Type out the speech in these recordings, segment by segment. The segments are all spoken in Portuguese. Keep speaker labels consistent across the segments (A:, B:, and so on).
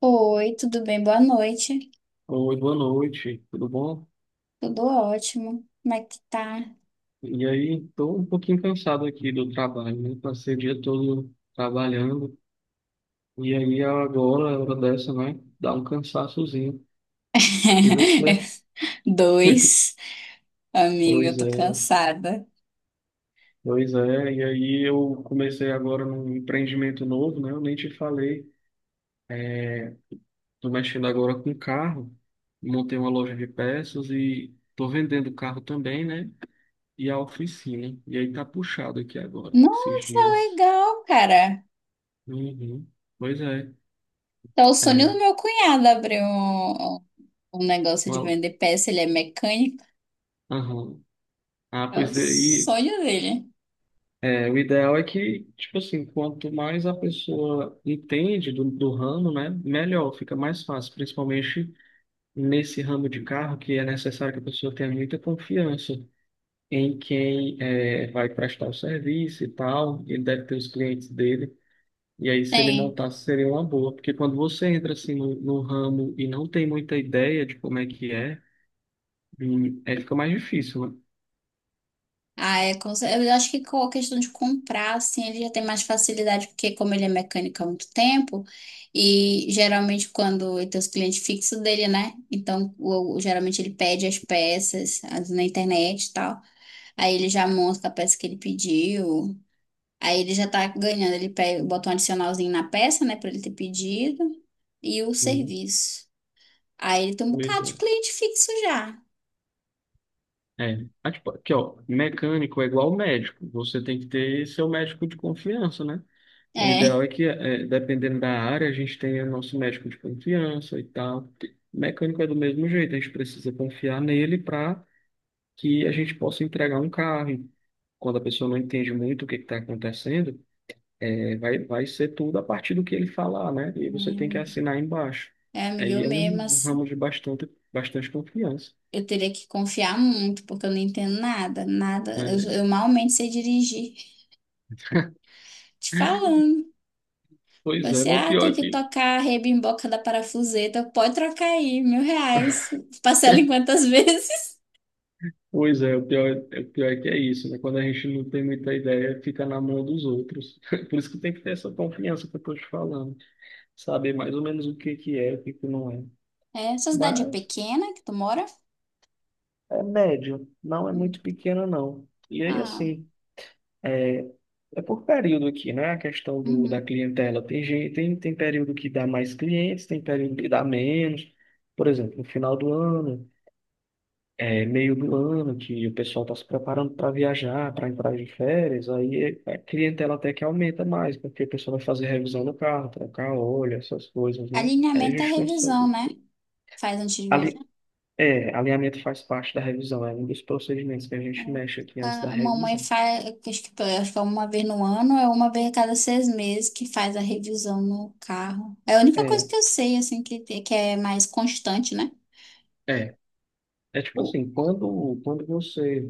A: Oi, tudo bem? Boa noite.
B: Oi, boa noite, tudo bom?
A: Tudo ótimo. Como é que tá?
B: E aí, estou um pouquinho cansado aqui do trabalho, né? Passei o dia todo trabalhando, e aí agora, a hora dessa, né? Dá um cansaçozinho. E você?
A: Dois. Amiga, eu
B: Pois
A: tô
B: é,
A: cansada.
B: pois é. E aí eu comecei agora num empreendimento novo, né? Eu nem te falei. Tô mexendo agora com carro, montei uma loja de peças e tô vendendo carro também, né? E a oficina. E aí tá puxado aqui agora, esses
A: Nossa,
B: dias.
A: legal, cara.
B: Uhum. Pois é.
A: Tá o sonho
B: É,
A: do meu cunhado abrir um negócio de
B: uma-
A: vender peça. Ele é mecânico.
B: aham. Ah,
A: É o
B: pois é, e
A: sonho dele.
B: é, o ideal é que, tipo assim, quanto mais a pessoa entende do ramo, né, melhor, fica mais fácil, principalmente nesse ramo de carro, que é necessário que a pessoa tenha muita confiança em quem é, vai prestar o serviço e tal, ele deve ter os clientes dele, e aí se ele
A: Tem.
B: montasse seria uma boa, porque quando você entra assim no ramo e não tem muita ideia de como é que é, aí fica mais difícil, né?
A: Eu acho que com a questão de comprar, assim, ele já tem mais facilidade, porque como ele é mecânico há muito tempo, e geralmente quando ele tem os clientes fixos dele, né? Então, geralmente ele pede as peças na internet e tal. Aí ele já monta a peça que ele pediu. Aí ele já tá ganhando, ele pega, bota um adicionalzinho na peça, né, pra ele ter pedido, e o
B: Hum,
A: serviço. Aí ele tem um
B: pois
A: bocado de
B: é.
A: cliente fixo já.
B: É, ah, tipo, aqui ó, mecânico é igual médico, você tem que ter seu médico de confiança, né? O
A: É,
B: ideal é que, é, dependendo da área, a gente tenha nosso médico de confiança e tal. Mecânico é do mesmo jeito, a gente precisa confiar nele para que a gente possa entregar um carro. Quando a pessoa não entende muito o que está acontecendo, é, vai ser tudo a partir do que ele falar, né? E você tem que
A: amiga,
B: assinar embaixo.
A: é, amiga,
B: Aí é um ramo de bastante, bastante confiança.
A: eu teria que confiar muito, porque eu não entendo nada, nada. Eu,
B: É,
A: eu malmente sei dirigir. Te falando.
B: pois é,
A: Você,
B: mas o
A: ah,
B: pior
A: tem
B: é
A: que
B: que.
A: tocar a rebimboca da parafuseta. Pode trocar aí, R$ 1.000. Parcela em quantas vezes?
B: Pois é, o pior é que é isso, né? Quando a gente não tem muita ideia, fica na mão dos outros. Por isso que tem que ter essa confiança que eu estou te falando, saber mais ou menos o que que é, o que que não é.
A: É, sua cidade é
B: Mas
A: pequena que tu mora?
B: é médio, não é
A: Hum.
B: muito pequeno, não. E aí,
A: Ah,
B: assim, é, é por período aqui, né? A questão do, da
A: uhum.
B: clientela. Tem gente, tem período que dá mais clientes, tem período que dá menos. Por exemplo, no final do ano. É meio do ano que o pessoal está se preparando para viajar, para entrar de férias, aí a clientela até que aumenta mais, porque o pessoal vai fazer revisão do carro, trocar óleo, essas coisas, né? Aí a
A: Alinhamento é
B: gente
A: revisão,
B: consegue.
A: né? Faz antes de
B: Ali,
A: viajar.
B: é, alinhamento faz parte da revisão, é um dos procedimentos que a gente mexe aqui antes da
A: A mamãe
B: revisão.
A: faz, acho que é 1 vez no ano, é 1 vez a cada 6 meses que faz a revisão no carro. É a única coisa
B: É,
A: que eu sei, assim, que é mais constante, né?
B: é. É tipo
A: O-
B: assim, quando você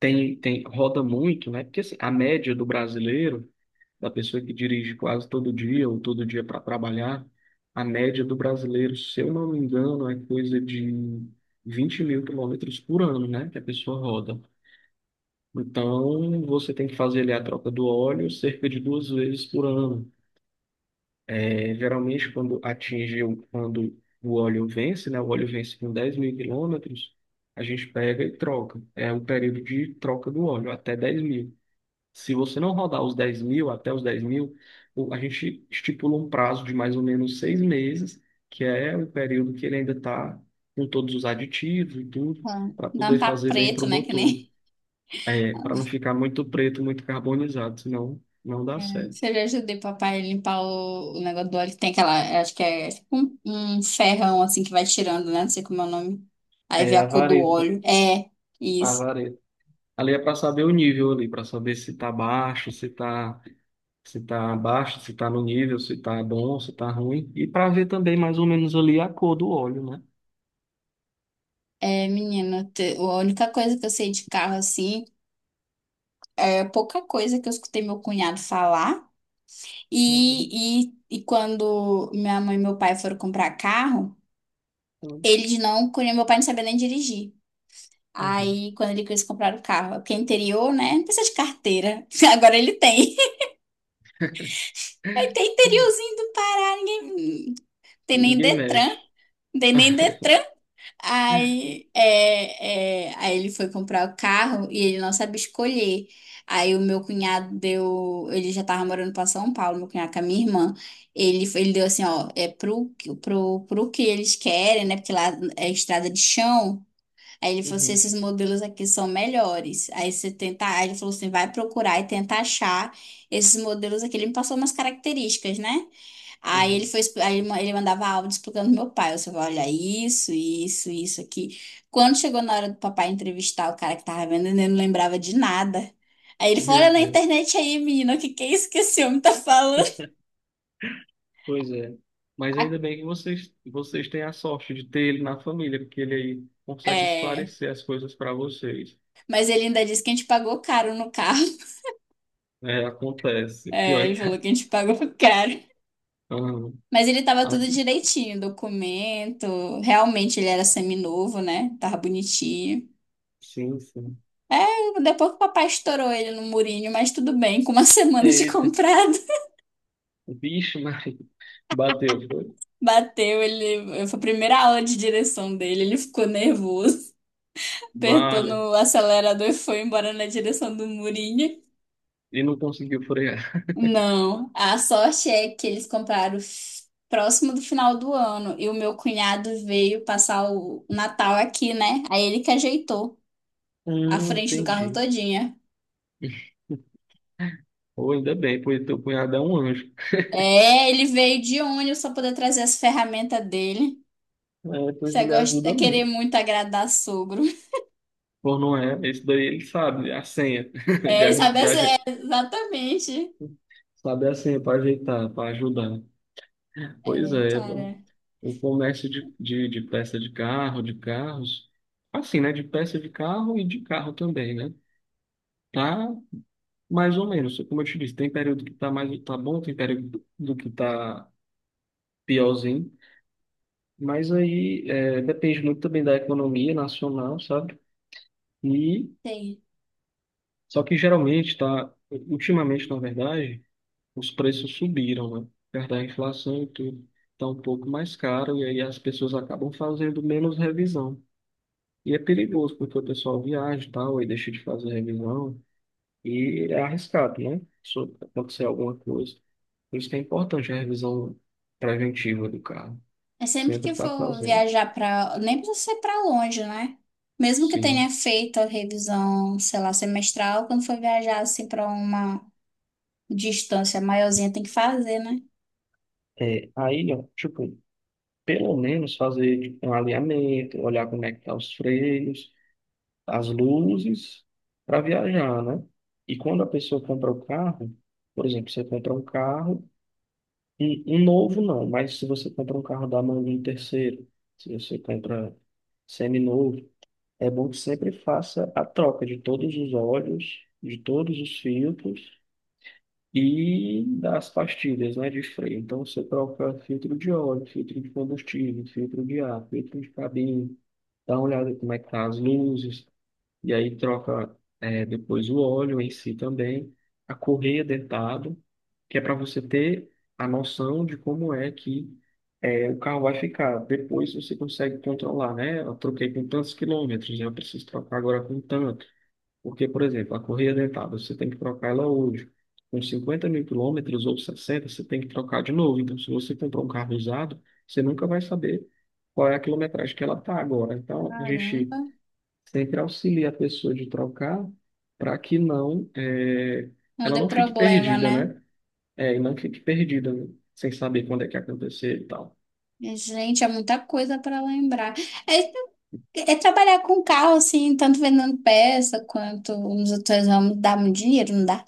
B: roda muito, né? Porque assim, a média do brasileiro, da pessoa que dirige quase todo dia ou todo dia para trabalhar, a média do brasileiro, se eu não me engano, é coisa de 20 mil quilômetros por ano, né? Que a pessoa roda. Então, você tem que fazer ali a troca do óleo cerca de duas vezes por ano. É, geralmente, quando atinge, quando o óleo vence, né? O óleo vence com 10 mil quilômetros, a gente pega e troca. É o período de troca do óleo, até 10 mil. Se você não rodar os 10 mil, até os 10 mil, a gente estipula um prazo de mais ou menos 6 meses, que é o período que ele ainda está com todos os aditivos e tudo, para
A: Dá um
B: poder
A: papo
B: fazer bem para
A: preto,
B: o
A: né? Que
B: motor.
A: nem.
B: É, para não ficar muito preto, muito carbonizado, senão não dá certo.
A: Você já ajudei papai a limpar o negócio do óleo que tem aquela, acho que é tipo um ferrão assim que vai tirando, né? Não sei como é o nome. Aí vê
B: É
A: a
B: a
A: cor do
B: vareta,
A: óleo. É,
B: a
A: isso.
B: vareta. Ali é para saber o nível ali, para saber se tá baixo, se tá, se tá baixo, se tá no nível, se tá bom, se tá ruim. E para ver também mais ou menos ali a cor do óleo, né?
A: É, menina, a única coisa que eu sei de carro assim é pouca coisa que eu escutei meu cunhado falar. E quando minha mãe e meu pai foram comprar carro,
B: Uhum.
A: eles não conheciam, meu pai não sabia nem dirigir.
B: Uhum.
A: Aí, quando ele quis comprar o carro, porque é interior, né? Não precisa de carteira. Agora ele tem. Aí tem interiorzinho do Pará, ninguém. Tem nem
B: Ninguém
A: Detran.
B: mexe.
A: Tem nem Detran. Aí ele foi comprar o carro e ele não sabe escolher. Aí o meu cunhado deu. Ele já tava morando pra São Paulo, meu cunhado com a minha irmã. Ele deu assim, ó, é pro, pro que eles querem, né? Porque lá é estrada de chão. Aí ele falou assim:
B: Uhum,
A: esses modelos aqui são melhores. Aí você tenta. Aí ele falou assim: vai procurar e tenta achar esses modelos aqui. Ele me passou umas características, né? Aí ele
B: uhum.
A: foi, ele mandava áudio explicando pro meu pai. Eu falei, olha, isso aqui. Quando chegou na hora do papai entrevistar o cara que tava vendendo, ele não lembrava de nada. Aí ele falou, olha
B: Meu
A: na
B: Deus.
A: internet aí, menina, o que é isso que esse homem tá falando?
B: Pois é. Mas ainda bem que vocês têm a sorte de ter ele na família, porque ele aí consegue
A: É,
B: esclarecer as coisas para vocês.
A: mas ele ainda disse que a gente pagou caro no carro.
B: É, acontece. Pior
A: É,
B: é
A: ele
B: que.
A: falou que a gente pagou caro.
B: Ah,
A: Mas ele tava
B: ah,
A: tudo direitinho, documento. Realmente ele era semi-novo, né? Tava bonitinho.
B: sim, sim.
A: É, depois que o papai estourou ele no murinho, mas tudo bem, com uma semana de
B: Eita,
A: comprado.
B: vixe, Maria. Bateu, foi?
A: Bateu, ele foi a primeira aula de direção dele, ele ficou nervoso, apertou
B: Vale.
A: no acelerador e foi embora na direção do murinho.
B: E não conseguiu frear.
A: Não, a sorte é que eles compraram próximo do final do ano e o meu cunhado veio passar o Natal aqui, né? Aí ele que ajeitou a frente do carro
B: Entendi.
A: todinha.
B: Ou ainda bem, pois teu cunhado é um anjo.
A: É, ele veio de ônibus pra poder trazer as ferramentas dele.
B: É, pois
A: Você
B: ele
A: gosta de
B: ajuda
A: querer
B: muito.
A: muito agradar sogro.
B: Pô, não é. Esse daí ele sabe a senha. De,
A: É,
B: arran-
A: sabe?
B: de,
A: É,
B: aje-
A: exatamente.
B: sabe a senha para ajeitar, para ajudar. Pois
A: É,
B: é, pô.
A: cara,
B: O comércio de, peça de carro, de carros, assim, né? De peça de carro e de carro também, né? Tá mais ou menos. Como eu te disse, tem período que tá mais tá bom, tem período do que tá piorzinho. Mas aí é, depende muito também da economia nacional, sabe? E
A: tem.
B: só que geralmente tá, ultimamente, na verdade, os preços subiram, né? Perto da inflação e tudo. Está um pouco mais caro e aí as pessoas acabam fazendo menos revisão. E é perigoso, porque o pessoal viaja e tal, e deixa de fazer revisão. E é arriscado, né? Se acontecer alguma coisa. Por isso que é importante a revisão preventiva do carro.
A: É sempre
B: Sempre
A: que
B: está
A: for
B: fazendo.
A: viajar pra. Nem precisa ser pra longe, né? Mesmo que
B: Sim.
A: tenha feito a revisão, sei lá, semestral, quando for viajar assim pra uma distância maiorzinha, tem que fazer, né?
B: É, aí, ó, tipo, pelo menos fazer tipo, um alinhamento, olhar como é que tá os freios, as luzes, para viajar, né? E quando a pessoa compra o carro, por exemplo, você compra um carro, um novo não, mas se você compra um carro da mão de um terceiro, se você compra seminovo, é bom que sempre faça a troca de todos os óleos, de todos os filtros e das pastilhas, né, de freio. Então você troca filtro de óleo, filtro de combustível, filtro de ar, filtro de cabine, dá uma olhada como é que tá as luzes, e aí troca é, depois o óleo em si também, a correia dentada, que é para você ter a noção de como é que é, o carro vai ficar. Depois você consegue controlar, né? Eu troquei com tantos quilômetros, né? Eu preciso trocar agora com tanto. Porque, por exemplo, a correia dentada, você tem que trocar ela hoje. Com 50 mil quilômetros ou 60 você tem que trocar de novo. Então, se você comprar um carro usado, você nunca vai saber qual é a quilometragem que ela está agora. Então, a gente
A: Caramba,
B: sempre auxilia a pessoa de trocar para que não é,
A: não
B: ela
A: dê
B: não fique
A: problema,
B: perdida,
A: né?
B: né? É, e não fique perdida, né? Sem saber quando é que acontecer e tal.
A: Gente, é muita coisa pra lembrar. É, é trabalhar com carro, assim, tanto vendendo peça quanto nos outros ramos, dá muito dinheiro, não dá?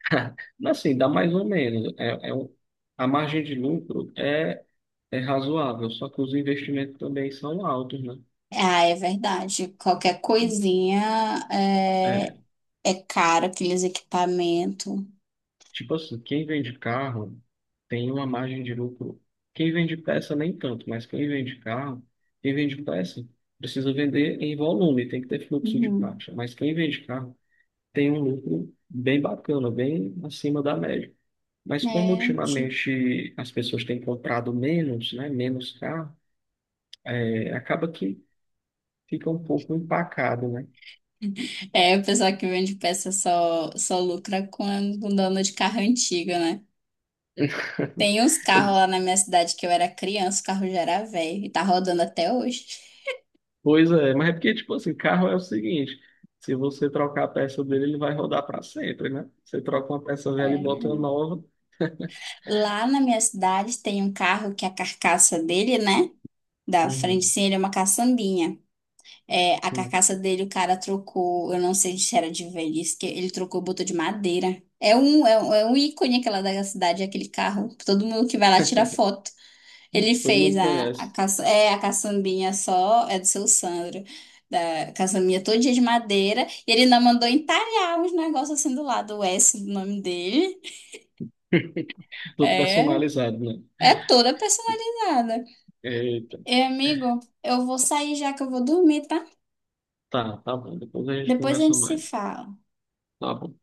B: Mas, assim, dá mais ou menos. É, é um, a margem de lucro é, é razoável, só que os investimentos também são altos, né?
A: Ah, é verdade.
B: É,
A: É caro, aqueles equipamentos.
B: tipo assim, quem vende carro tem uma margem de lucro. Quem vende peça nem tanto, mas quem vende carro, quem vende peça precisa vender em volume, tem que ter fluxo de
A: Uhum.
B: caixa. Mas quem vende carro tem um lucro bem bacana, bem acima da média. Mas como
A: É, ti-
B: ultimamente as pessoas têm comprado menos, né, menos carro, é, acaba que fica um pouco empacado, né?
A: é, o pessoal que vende peça só, só lucra com dono de carro antigo, né? Tem uns carros lá na minha cidade que eu era criança, o carro já era velho e tá rodando até hoje.
B: Pois é, mas é porque, tipo assim, carro é o seguinte, se você trocar a peça dele, ele vai rodar para sempre, né? Você troca uma peça velha e bota uma
A: É.
B: nova.
A: Lá na minha cidade tem um carro que a carcaça dele, né? Da frente,
B: Uhum,
A: sim, ele é uma caçambinha. É, a
B: sim.
A: carcaça dele o cara trocou, eu não sei se era de velhice, que ele trocou, botou de madeira. É um ícone aquela da cidade, aquele carro, que todo mundo que vai lá tira foto. Ele
B: Todo
A: fez
B: mundo conhece.
A: a caçambinha só, é do seu Sandro, da caçambinha todo dia de madeira, e ele ainda mandou entalhar uns negócios assim do lado, o S do nome dele.
B: Tudo
A: É,
B: personalizado, né?
A: é toda personalizada.
B: Eita,
A: E, amigo, eu vou sair já que eu vou dormir, tá?
B: tá, tá bom, depois a gente
A: Depois a
B: conversa
A: gente se
B: mais.
A: fala.
B: Tá bom.